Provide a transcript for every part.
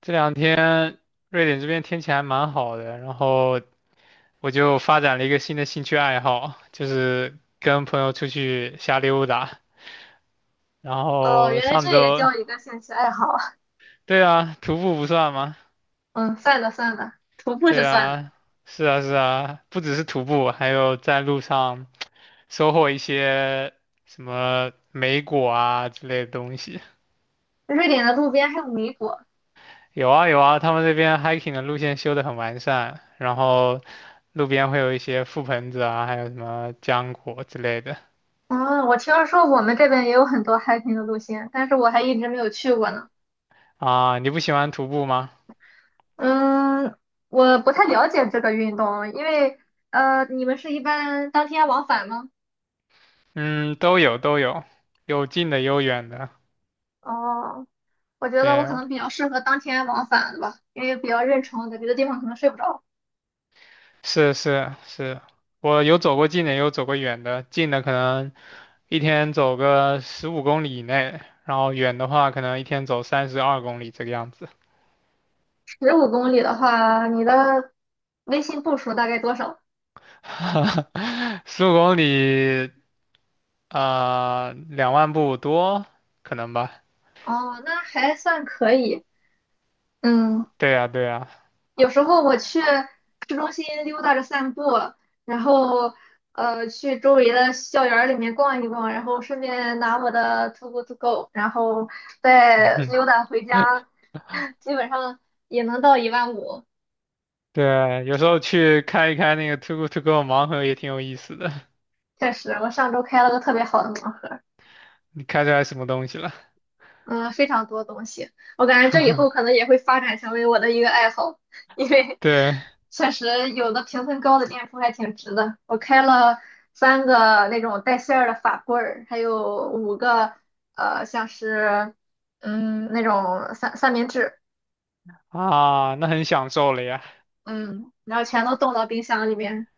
这两天瑞典这边天气还蛮好的，然后我就发展了一个新的兴趣爱好，就是跟朋友出去瞎溜达。然哦，后原来上这也周，叫一个兴趣爱好啊。对啊，徒步不算吗？嗯，算了算了，徒步是对算了。啊，是啊是啊，不只是徒步，还有在路上收获一些什么莓果啊之类的东西。瑞典的路边还有米果。有啊有啊，他们这边 hiking 的路线修得很完善，然后路边会有一些覆盆子啊，还有什么浆果之类的。嗯，我听说我们这边也有很多 hiking 的路线，但是我还一直没有去过呢。啊，你不喜欢徒步吗？嗯，我不太了解这个运动，因为你们是一般当天往返吗？嗯，都有都有，有近的有远的。哦，我觉得我可对，能比较适合当天往返的吧，因为比较认床在别的地方可能睡不着。是是是，我有走过近的，也有走过远的。近的可能一天走个十五公里以内，然后远的话可能一天走32公里这个样子。15公里的话，你的微信步数大概多少？十五公里，2万步多，可能吧。哦，那还算可以。嗯，对呀对呀，有时候我去市中心溜达着散步，然后去周围的校园儿里面逛一逛，然后顺便拿我的 TOGO to go，然后 再嗯，溜达回家，基本上也能到15000。对，有时候去开一开那个 Too g o To Go 盲盒也挺有意思的。确实，我上周开了个特别好的盲盒。你开出来什么东西了？嗯，非常多东西，我感觉这以后可 能也会发展成为我的一个爱好，因为对确实有的评分高的店铺还挺值的。我开了3个那种带馅儿的法棍儿，还有5个像是那种三明治，啊，那很享受了呀。嗯，然后全都冻到冰箱里面，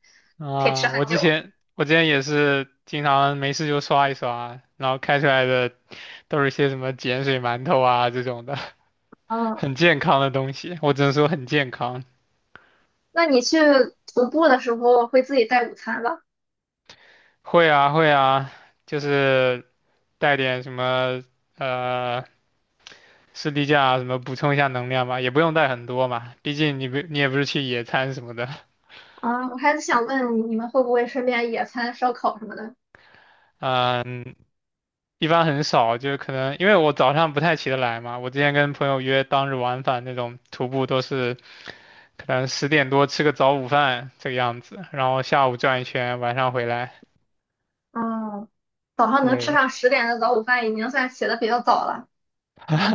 可以吃啊，我很之久。前我之前也是经常没事就刷一刷，然后开出来的都是些什么碱水馒头啊这种的，嗯，很健康的东西。我只能说很健康。那你去徒步的时候会自己带午餐吧？会啊会啊，就是带点什么呃士力架啊什么补充一下能量吧，也不用带很多嘛，毕竟你也不是去野餐什么的。啊，我还是想问你们会不会顺便野餐、烧烤什么的？嗯，一般很少，就是可能因为我早上不太起得来嘛，我之前跟朋友约当日往返那种徒步都是可能10点多吃个早午饭这个样子，然后下午转一圈，晚上回来。嗯，早上能吃对，上10点的早午饭，已经算起的比较早了，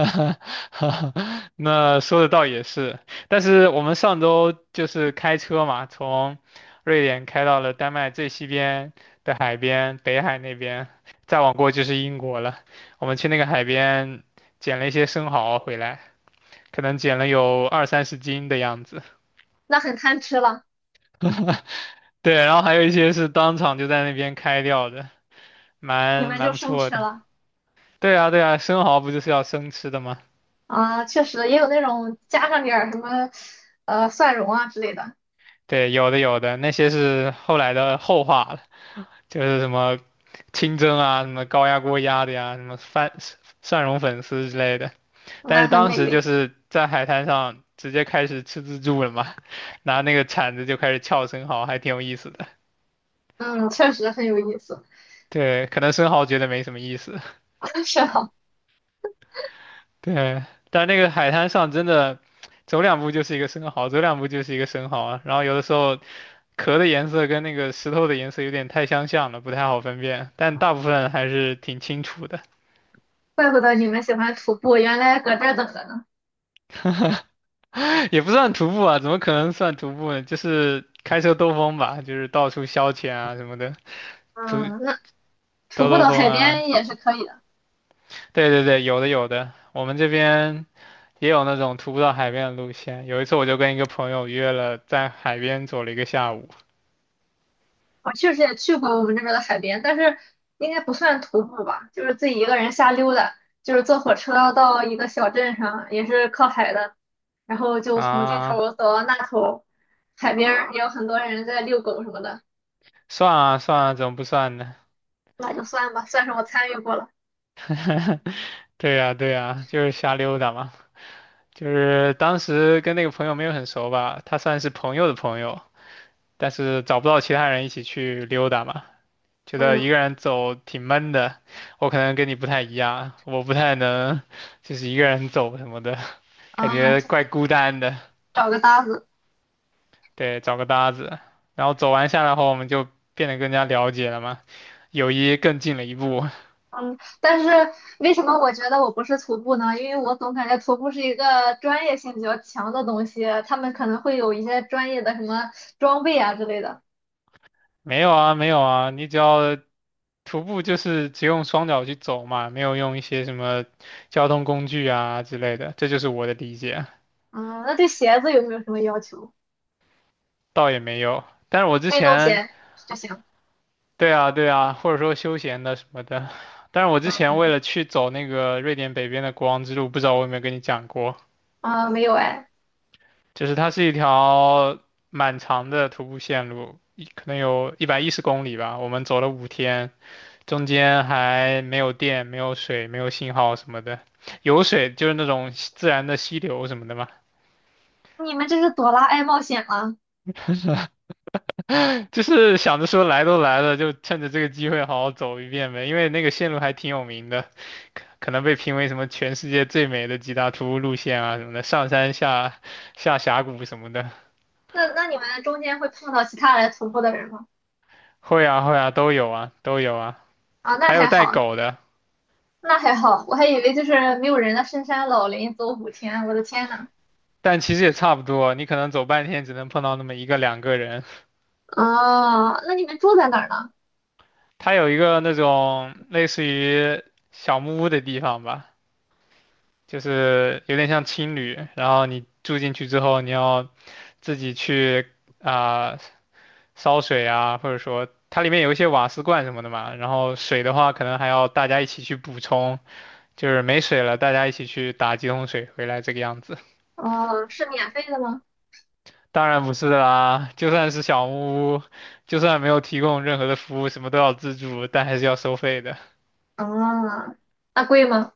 那说的倒也是，但是我们上周就是开车嘛，从瑞典开到了丹麦最西边的海边，北海那边，再往过就是英国了。我们去那个海边捡了一些生蚝回来。可能减了有二三十斤的样子。那很贪吃了。对，然后还有一些是当场就在那边开掉的，你蛮们蛮就不生错吃的。了对啊，对啊，生蚝不就是要生吃的吗？啊，确实也有那种加上点儿什么，蒜蓉啊之类的，对，有的有的，那些是后来的后话了，就是什么清蒸啊，什么高压锅压的呀，什么蒜蓉粉丝之类的。但那是很当美时就味。是在海滩上直接开始吃自助了嘛，拿那个铲子就开始撬生蚝，还挺有意思的。嗯，确实很有意思。对，可能生蚝觉得没什么意思。是啊，对，但那个海滩上真的，走两步就是一个生蚝，走两步就是一个生蚝啊。然后有的时候壳的颜色跟那个石头的颜色有点太相像了，不太好分辨。但大部分还是挺清楚的，怪不得你们喜欢徒步，原来搁这儿等着呢。也不算徒步啊，怎么可能算徒步呢？就是开车兜风吧，就是到处消遣啊什么的，徒嗯，那徒兜步兜到风海啊。边也是可以的。对对对，有的有的，我们这边也有那种徒步到海边的路线。有一次我就跟一个朋友约了在海边走了一个下午我确实也去过我们这边的海边，但是应该不算徒步吧，就是自己一个人瞎溜达。就是坐火车到一个小镇上，也是靠海的，然后就从这啊。头走到那头，海边儿也有很多人在遛狗什么的，算啊算啊，怎么不算呢？那就算吧，算是我参与过了。对呀对呀，就是瞎溜达嘛。就是当时跟那个朋友没有很熟吧，他算是朋友的朋友，但是找不到其他人一起去溜达嘛，觉得嗯一个人走挺闷的。我可能跟你不太一样，我不太能就是一个人走什么的，感啊，觉怪孤单的。找个搭子。对，找个搭子，然后走完下来后，我们就变得更加了解了嘛，友谊更近了一步。嗯，但是为什么我觉得我不是徒步呢？因为我总感觉徒步是一个专业性比较强的东西，他们可能会有一些专业的什么装备啊之类的。没有啊，没有啊，你只要。徒步就是只用双脚去走嘛，没有用一些什么交通工具啊之类的，这就是我的理解，嗯，那对鞋子有没有什么要求？倒也没有。但是我之运动前，鞋就行。对啊，对啊，或者说休闲的什么的，但是我嗯之前为嗯了去走那个瑞典北边的国王之路，不知道我有没有跟你讲过，啊，没有哎，就是它是一条蛮长的徒步线路，可能有110公里吧，我们走了5天，中间还没有电、没有水、没有信号什么的，有水就是那种自然的溪流什么的嘛。你们这是朵拉爱冒险了。就是想着说来都来了，就趁着这个机会好好走一遍呗，因为那个线路还挺有名的，可能被评为什么全世界最美的几大徒步路线啊什么的，上山下峡谷什么的，那你们中间会碰到其他来徒步的人吗？会啊会啊都有啊都有啊，啊，那还有还带好，狗的，那还好，我还以为就是没有人的深山老林走5天，我的天呐！但其实也差不多，你可能走半天只能碰到那么一个两个人。哦，那你们住在哪儿呢？它有一个那种类似于小木屋的地方吧，就是有点像青旅，然后你住进去之后，你要自己去啊、烧水啊，或者说它里面有一些瓦斯罐什么的嘛，然后水的话可能还要大家一起去补充，就是没水了大家一起去打几桶水回来这个样子。哦，是免费的吗？当然不是啦，就算是小木屋，就算没有提供任何的服务，什么都要自助，但还是要收费的。啊，那贵吗？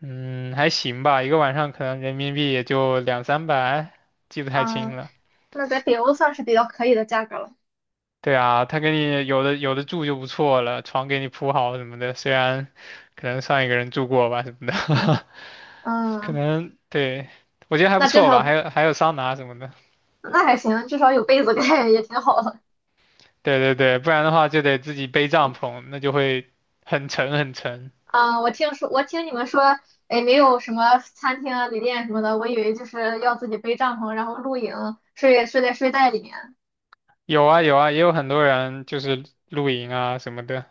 嗯，还行吧，一个晚上可能人民币也就两三百，记不太清啊，了。那在北欧算是比较可以的价格了。对啊，他给你有的住就不错了，床给你铺好什么的，虽然可能上一个人住过吧什么的，可嗯，能对，我觉得还不那至错吧，还少有还有桑拿什么的。那还行，至少有被子盖也挺好的。对对对，不然的话就得自己背帐篷，那就会很沉很沉。啊，我听说，我听你们说，哎，没有什么餐厅啊、旅店什么的，我以为就是要自己背帐篷，然后露营，睡在睡袋里面。有啊有啊，也有很多人就是露营啊什么的。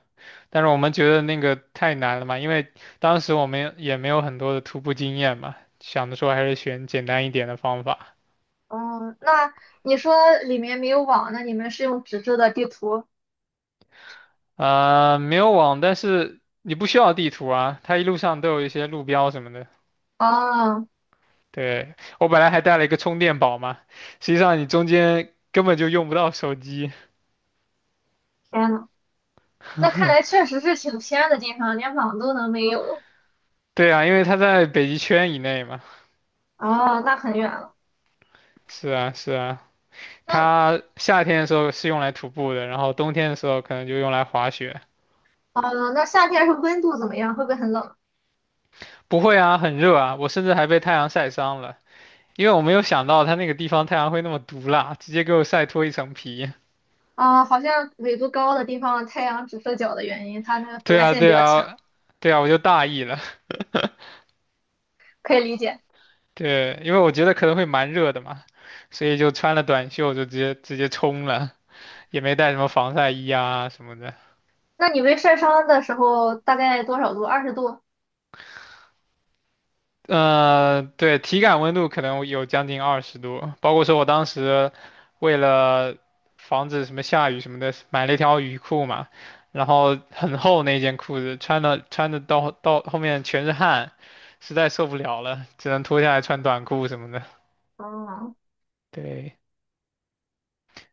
但是我们觉得那个太难了嘛，因为当时我们也没有很多的徒步经验嘛，想着说还是选简单一点的方法。嗯，那你说里面没有网，那你们是用纸质的地图？没有网，但是你不需要地图啊，它一路上都有一些路标什么的。哦，对，我本来还带了一个充电宝嘛，实际上你中间根本就用不到手机。天呐，那看来确实是挺偏的地方，连网都能没有。对啊，因为它在北极圈以内嘛。哦，那很远了。是啊，是啊，那它夏天的时候是用来徒步的，然后冬天的时候可能就用来滑雪。哦，那夏天是温度怎么样？会不会很冷？不会啊，很热啊，我甚至还被太阳晒伤了。因为我没有想到他那个地方太阳会那么毒辣，直接给我晒脱一层皮。啊，好像纬度高的地方太阳直射角的原因，它那个紫对外啊，线比对较强，啊，对啊，我就大意了。可以理解。对，因为我觉得可能会蛮热的嘛，所以就穿了短袖就直接冲了，也没带什么防晒衣啊什么的。那你们晒伤的时候大概多少度？20度。对，体感温度可能有将近20度，包括说我当时为了防止什么下雨什么的，买了一条雨裤嘛，然后很厚那件裤子，穿的到后面全是汗，实在受不了了，只能脱下来穿短裤什么的。哦，对，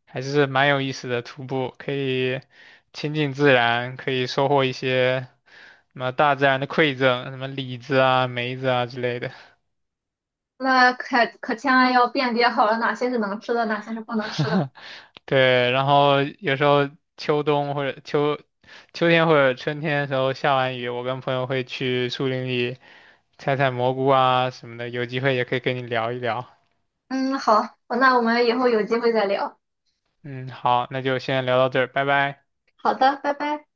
还是蛮有意思的徒步，可以亲近自然，可以收获一些什么大自然的馈赠，什么李子啊、梅子啊之类的。那可千万要辨别好了，哪些是能吃的，哪些是不能吃的。对，然后有时候秋冬或者秋秋天或者春天的时候下完雨，我跟朋友会去树林里采采蘑菇啊什么的，有机会也可以跟你聊一聊。嗯，好，那我们以后有机会再聊。嗯，好，那就先聊到这儿，拜拜。好的，拜拜。